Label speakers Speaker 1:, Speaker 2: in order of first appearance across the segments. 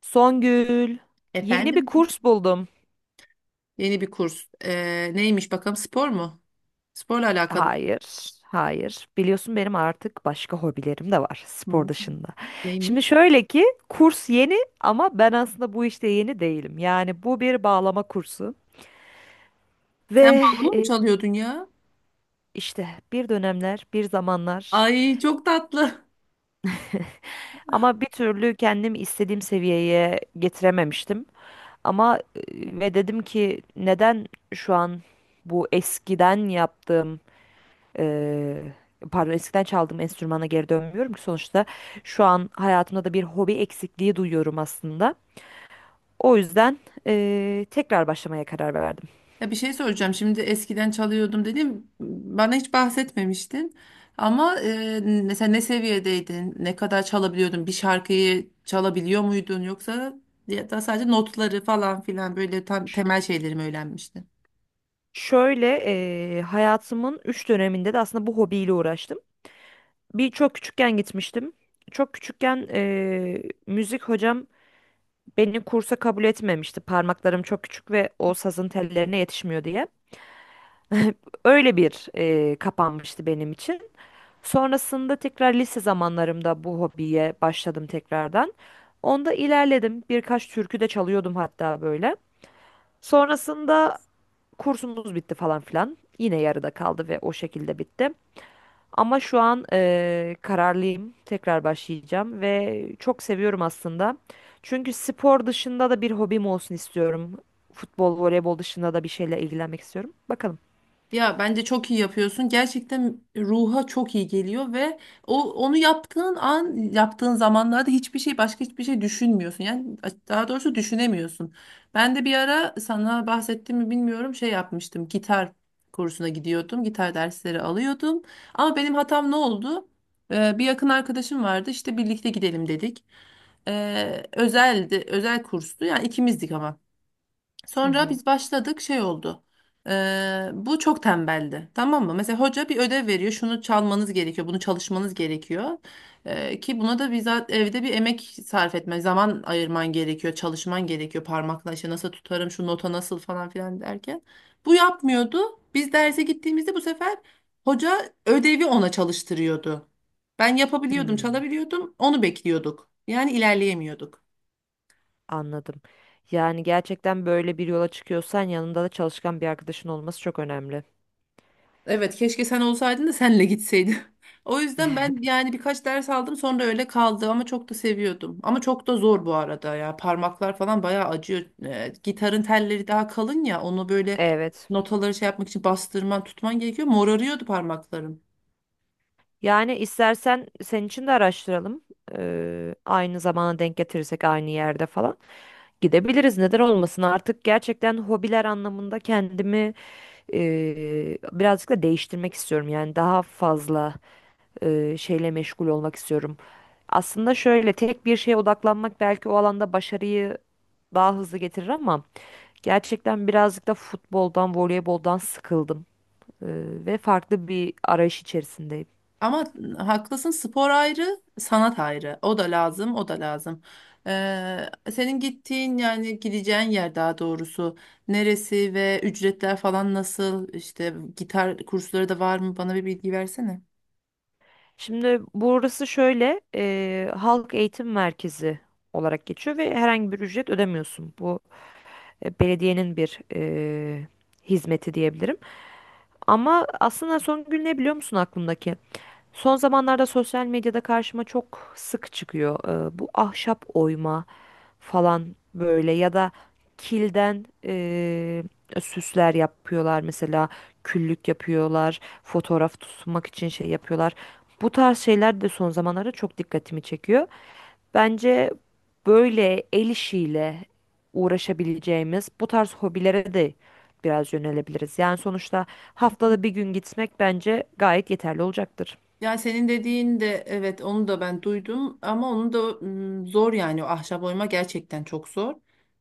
Speaker 1: Songül, yeni bir
Speaker 2: Efendim?
Speaker 1: kurs buldum.
Speaker 2: Yeni bir kurs. Neymiş bakalım spor mu? Sporla alakalı.
Speaker 1: Hayır, hayır. Biliyorsun benim artık başka hobilerim de var spor
Speaker 2: Hı,
Speaker 1: dışında. Şimdi
Speaker 2: neymiş?
Speaker 1: şöyle ki kurs yeni ama ben aslında bu işte yeni değilim. Yani bu bir bağlama kursu ve
Speaker 2: Sen bağlama mı
Speaker 1: e,
Speaker 2: çalıyordun ya?
Speaker 1: işte bir dönemler, bir zamanlar
Speaker 2: Ay çok tatlı.
Speaker 1: ama bir türlü kendimi istediğim seviyeye getirememiştim. Ama e, Ve dedim ki neden şu an bu eskiden yaptığım Eee, pardon eskiden çaldığım enstrümana geri dönmüyorum ki sonuçta şu an hayatımda da bir hobi eksikliği duyuyorum aslında. O yüzden tekrar başlamaya karar verdim.
Speaker 2: Ya bir şey soracağım. Şimdi eskiden çalıyordum dedim. Bana hiç bahsetmemiştin. Ama mesela ne seviyedeydin? Ne kadar çalabiliyordun? Bir şarkıyı çalabiliyor muydun? Yoksa ya da sadece notları falan filan böyle tam temel şeyleri mi öğrenmiştin?
Speaker 1: Şöyle, hayatımın 3 döneminde de aslında bu hobiyle uğraştım. Bir çok küçükken gitmiştim. Çok küçükken müzik hocam beni kursa kabul etmemişti. Parmaklarım çok küçük ve o sazın tellerine yetişmiyor diye. Öyle bir, kapanmıştı benim için. Sonrasında tekrar lise zamanlarımda bu hobiye başladım tekrardan. Onda ilerledim. Birkaç türkü de çalıyordum hatta böyle. Sonrasında kursumuz bitti falan filan. Yine yarıda kaldı ve o şekilde bitti. Ama şu an, kararlıyım. Tekrar başlayacağım ve çok seviyorum aslında. Çünkü spor dışında da bir hobim olsun istiyorum. Futbol, voleybol dışında da bir şeyle ilgilenmek istiyorum. Bakalım.
Speaker 2: Ya bence çok iyi yapıyorsun. Gerçekten ruha çok iyi geliyor ve onu yaptığın an, yaptığın zamanlarda hiçbir şey başka hiçbir şey düşünmüyorsun. Yani daha doğrusu düşünemiyorsun. Ben de bir ara sana bahsettim mi bilmiyorum şey yapmıştım. Gitar kursuna gidiyordum. Gitar dersleri alıyordum. Ama benim hatam ne oldu? Bir yakın arkadaşım vardı. İşte birlikte gidelim dedik. Özeldi, özel kurstu. Yani ikimizdik ama.
Speaker 1: Hı
Speaker 2: Sonra
Speaker 1: hı.
Speaker 2: biz başladık şey oldu. Bu çok tembeldi. Tamam mı? Mesela hoca bir ödev veriyor. Şunu çalmanız gerekiyor. Bunu çalışmanız gerekiyor. Ki buna da bizzat evde bir emek sarf etme. Zaman ayırman gerekiyor. Çalışman gerekiyor. Parmakla işte nasıl tutarım şu nota nasıl falan filan derken. Bu yapmıyordu. Biz derse gittiğimizde bu sefer hoca ödevi ona çalıştırıyordu. Ben yapabiliyordum,
Speaker 1: Hmm.
Speaker 2: çalabiliyordum. Onu bekliyorduk. Yani ilerleyemiyorduk.
Speaker 1: Anladım. Yani gerçekten böyle bir yola çıkıyorsan yanında da çalışkan bir arkadaşın olması çok önemli.
Speaker 2: Evet keşke sen olsaydın da senle gitseydim. O yüzden ben yani birkaç ders aldım sonra öyle kaldı ama çok da seviyordum. Ama çok da zor bu arada ya parmaklar falan bayağı acıyor. Gitarın telleri daha kalın ya onu böyle
Speaker 1: Evet.
Speaker 2: notaları şey yapmak için bastırman tutman gerekiyor. Morarıyordu parmaklarım.
Speaker 1: Yani istersen senin için de araştıralım. Aynı zamana denk getirirsek aynı yerde falan gidebiliriz. Neden olmasın? Artık gerçekten hobiler anlamında kendimi birazcık da değiştirmek istiyorum. Yani daha fazla şeyle meşgul olmak istiyorum. Aslında şöyle tek bir şeye odaklanmak belki o alanda başarıyı daha hızlı getirir ama. Gerçekten birazcık da futboldan, voleyboldan sıkıldım e, ve farklı bir arayış içerisindeyim.
Speaker 2: Ama haklısın spor ayrı, sanat ayrı. O da lazım, o da lazım. Senin gittiğin yani gideceğin yer daha doğrusu neresi ve ücretler falan nasıl? İşte gitar kursları da var mı? Bana bir bilgi versene.
Speaker 1: Şimdi burası şöyle, halk eğitim merkezi olarak geçiyor ve herhangi bir ücret ödemiyorsun. Bu, belediyenin bir hizmeti diyebilirim. Ama aslında son gün ne biliyor musun aklımdaki? Son zamanlarda sosyal medyada karşıma çok sık çıkıyor. Bu ahşap oyma falan böyle ya da kilden, süsler yapıyorlar mesela küllük yapıyorlar fotoğraf tutmak için şey yapıyorlar. Bu tarz şeyler de son zamanlarda çok dikkatimi çekiyor. Bence böyle el işiyle uğraşabileceğimiz bu tarz hobilere de biraz yönelebiliriz. Yani sonuçta haftada bir gün gitmek bence gayet yeterli olacaktır.
Speaker 2: Ya senin dediğin de evet onu da ben duydum ama onu da zor yani o ahşap oyma gerçekten çok zor.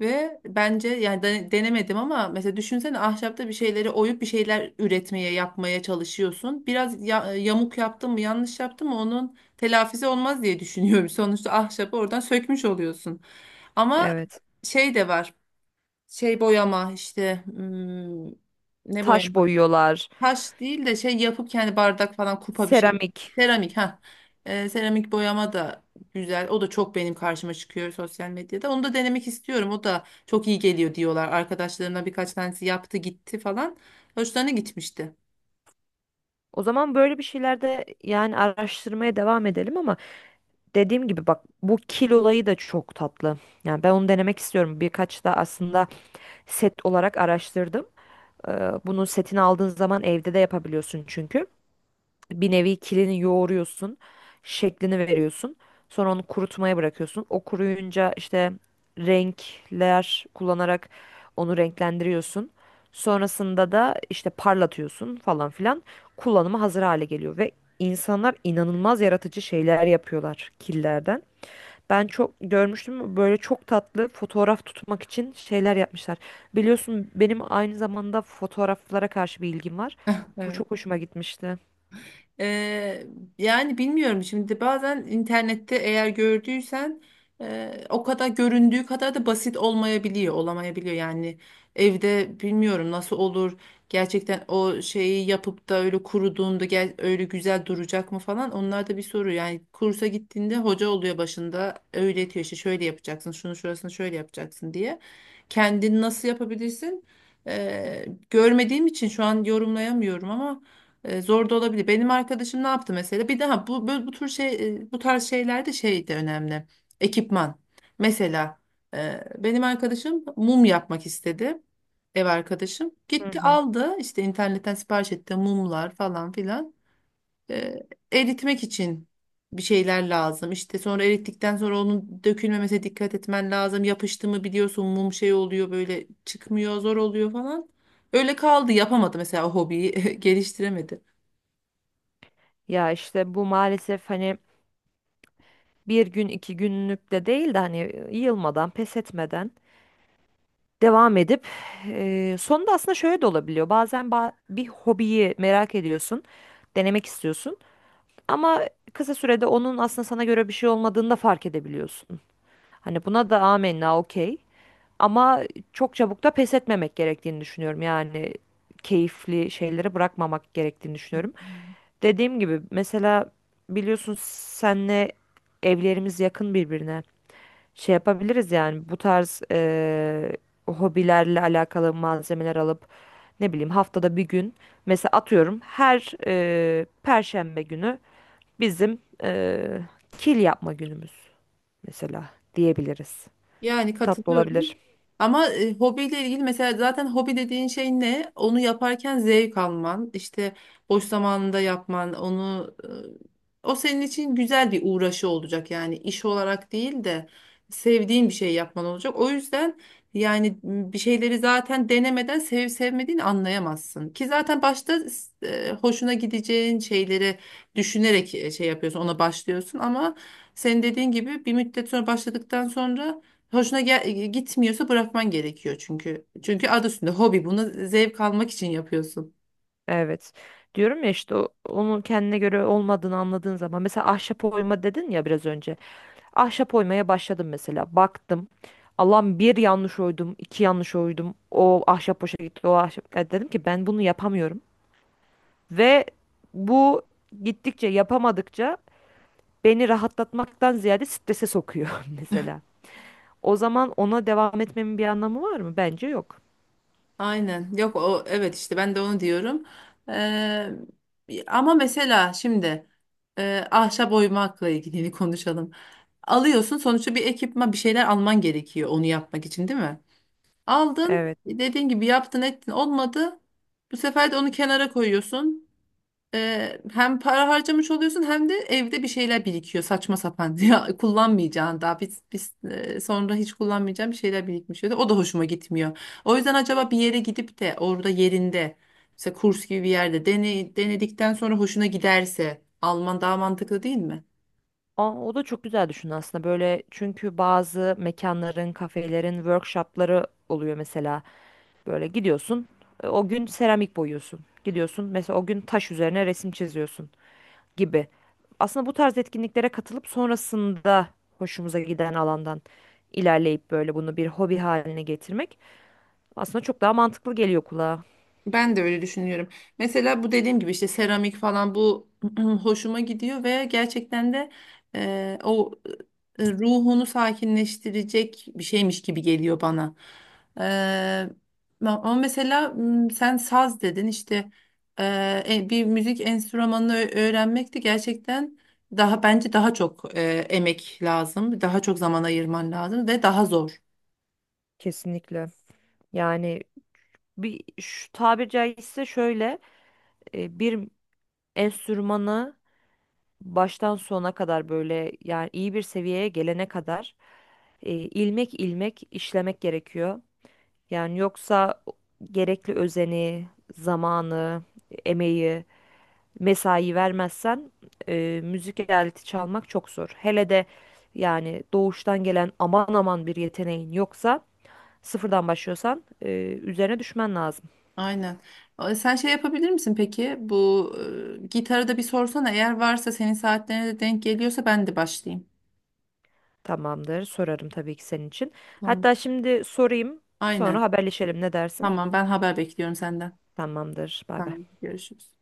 Speaker 2: Ve bence yani denemedim ama mesela düşünsene ahşapta bir şeyleri oyup bir şeyler üretmeye yapmaya çalışıyorsun. Biraz yamuk yaptın mı yanlış yaptın mı onun telafisi olmaz diye düşünüyorum. Sonuçta ahşabı oradan sökmüş oluyorsun. Ama
Speaker 1: Evet.
Speaker 2: şey de var şey boyama işte ne
Speaker 1: Taş
Speaker 2: boyama?
Speaker 1: boyuyorlar,
Speaker 2: Taş değil de şey yapıp kendi bardak falan kupa bir şey.
Speaker 1: seramik.
Speaker 2: Seramik ha. Seramik boyama da güzel. O da çok benim karşıma çıkıyor sosyal medyada. Onu da denemek istiyorum. O da çok iyi geliyor diyorlar. Arkadaşlarımdan birkaç tanesi yaptı gitti falan. Hoşlarına gitmişti.
Speaker 1: O zaman böyle bir şeylerde yani araştırmaya devam edelim ama dediğim gibi bak bu kil olayı da çok tatlı. Yani ben onu denemek istiyorum. Birkaç da aslında set olarak araştırdım. Bunu setini aldığın zaman evde de yapabiliyorsun çünkü bir nevi kilini yoğuruyorsun, şeklini veriyorsun. Sonra onu kurutmaya bırakıyorsun. O kuruyunca işte renkler kullanarak onu renklendiriyorsun. Sonrasında da işte parlatıyorsun falan filan. Kullanıma hazır hale geliyor ve insanlar inanılmaz yaratıcı şeyler yapıyorlar killerden. Ben çok görmüştüm böyle çok tatlı fotoğraf tutmak için şeyler yapmışlar. Biliyorsun benim aynı zamanda fotoğraflara karşı bir ilgim var. Bu
Speaker 2: Evet.
Speaker 1: çok hoşuma gitmişti.
Speaker 2: Eee, Yani bilmiyorum şimdi bazen internette eğer gördüysen o kadar göründüğü kadar da basit olmayabiliyor, olamayabiliyor. Yani evde bilmiyorum nasıl olur gerçekten o şeyi yapıp da öyle kuruduğunda gel, öyle güzel duracak mı falan onlar da bir soru. Yani kursa gittiğinde hoca oluyor başında öğretiyor işte şöyle yapacaksın şunu şurasını şöyle yapacaksın diye. Kendini nasıl yapabilirsin? Görmediğim için şu an yorumlayamıyorum ama zor da olabilir. Benim arkadaşım ne yaptı mesela? Bir daha bu tür şey bu tarz şeylerde şey de önemli. Ekipman. Mesela benim arkadaşım mum yapmak istedi. Ev arkadaşım.
Speaker 1: Hı
Speaker 2: Gitti
Speaker 1: hı.
Speaker 2: aldı işte internetten sipariş etti mumlar falan filan. E, Eritmek için bir şeyler lazım. İşte sonra erittikten sonra onun dökülmemesine dikkat etmen lazım. Yapıştı mı biliyorsun mum şey oluyor böyle çıkmıyor zor oluyor falan. Öyle kaldı yapamadı mesela o hobiyi geliştiremedi.
Speaker 1: Ya işte bu maalesef hani bir gün iki günlük de değil de hani yılmadan pes etmeden devam edip sonunda aslında şöyle de olabiliyor. Bazen bir hobiyi merak ediyorsun, denemek istiyorsun ama kısa sürede onun aslında sana göre bir şey olmadığını da fark edebiliyorsun. Hani buna da amenna okey ama çok çabuk da pes etmemek gerektiğini düşünüyorum. Yani keyifli şeyleri bırakmamak gerektiğini düşünüyorum. Dediğim gibi mesela biliyorsun senle evlerimiz yakın birbirine. Şey yapabiliriz yani bu tarz hobilerle alakalı malzemeler alıp ne bileyim haftada bir gün mesela atıyorum her Perşembe günü bizim kil yapma günümüz mesela diyebiliriz.
Speaker 2: Yani
Speaker 1: Tatlı
Speaker 2: katılıyorum.
Speaker 1: olabilir.
Speaker 2: Ama hobiyle ilgili mesela zaten hobi dediğin şey ne? Onu yaparken zevk alman, işte boş zamanında yapman, onu o senin için güzel bir uğraşı olacak. Yani iş olarak değil de sevdiğin bir şey yapman olacak. O yüzden yani bir şeyleri zaten denemeden sevip sevmediğini anlayamazsın. Ki zaten başta hoşuna gideceğin şeyleri düşünerek şey yapıyorsun, ona başlıyorsun ama senin dediğin gibi bir müddet sonra başladıktan sonra hoşuna gitmiyorsa bırakman gerekiyor çünkü. Çünkü adı üstünde hobi. Bunu zevk almak için yapıyorsun.
Speaker 1: Evet. Diyorum ya işte onun kendine göre olmadığını anladığın zaman mesela ahşap oyma dedin ya biraz önce. Ahşap oymaya başladım mesela. Baktım. Allah'ım bir yanlış oydum, iki yanlış oydum. O ahşap boşa gitti, o ahşap. Ya dedim ki ben bunu yapamıyorum. Ve bu gittikçe yapamadıkça beni rahatlatmaktan ziyade strese sokuyor mesela. O zaman ona devam etmemin bir anlamı var mı? Bence yok.
Speaker 2: Aynen. Yok o evet işte ben de onu diyorum. Ee, Ama mesela şimdi ahşap oymakla ilgili konuşalım. Alıyorsun sonuçta bir ekipman bir şeyler alman gerekiyor onu yapmak için değil mi? Aldın
Speaker 1: Evet.
Speaker 2: dediğin gibi yaptın ettin olmadı. Bu sefer de onu kenara koyuyorsun. Hem para harcamış oluyorsun hem de evde bir şeyler birikiyor saçma sapan ya kullanmayacağın daha biz sonra hiç kullanmayacağım bir şeyler birikmiş oluyor. O da hoşuma gitmiyor. O yüzden acaba bir yere gidip de orada yerinde mesela kurs gibi bir yerde dene, denedikten sonra hoşuna giderse Alman daha mantıklı değil mi?
Speaker 1: Aa, o da çok güzel düşün aslında böyle çünkü bazı mekanların, kafelerin workshopları oluyor mesela. Böyle gidiyorsun. O gün seramik boyuyorsun. Gidiyorsun mesela o gün taş üzerine resim çiziyorsun gibi. Aslında bu tarz etkinliklere katılıp sonrasında hoşumuza giden alandan ilerleyip böyle bunu bir hobi haline getirmek aslında çok daha mantıklı geliyor kulağa.
Speaker 2: Ben de öyle düşünüyorum. Mesela bu dediğim gibi işte seramik falan bu hoşuma gidiyor ve gerçekten de o ruhunu sakinleştirecek bir şeymiş gibi geliyor bana. E, Ama mesela sen saz dedin işte bir müzik enstrümanını öğrenmek de gerçekten daha bence daha çok emek lazım, daha çok zaman ayırman lazım ve daha zor.
Speaker 1: Kesinlikle. Yani bir şu tabir caizse şöyle, bir enstrümanı baştan sona kadar böyle yani iyi bir seviyeye gelene kadar ilmek ilmek işlemek gerekiyor. Yani yoksa gerekli özeni, zamanı, emeği, mesai vermezsen müzik aleti çalmak çok zor. Hele de yani doğuştan gelen aman aman bir yeteneğin yoksa sıfırdan başlıyorsan, üzerine düşmen lazım.
Speaker 2: Aynen. Sen şey yapabilir misin peki? Bu gitarı da bir sorsana. Eğer varsa senin saatlerine de denk geliyorsa ben de başlayayım.
Speaker 1: Tamamdır, sorarım tabii ki senin için.
Speaker 2: Tamam.
Speaker 1: Hatta şimdi sorayım,
Speaker 2: Aynen.
Speaker 1: sonra haberleşelim ne dersin?
Speaker 2: Tamam ben haber bekliyorum senden.
Speaker 1: Tamamdır, bay bay.
Speaker 2: Tamam görüşürüz.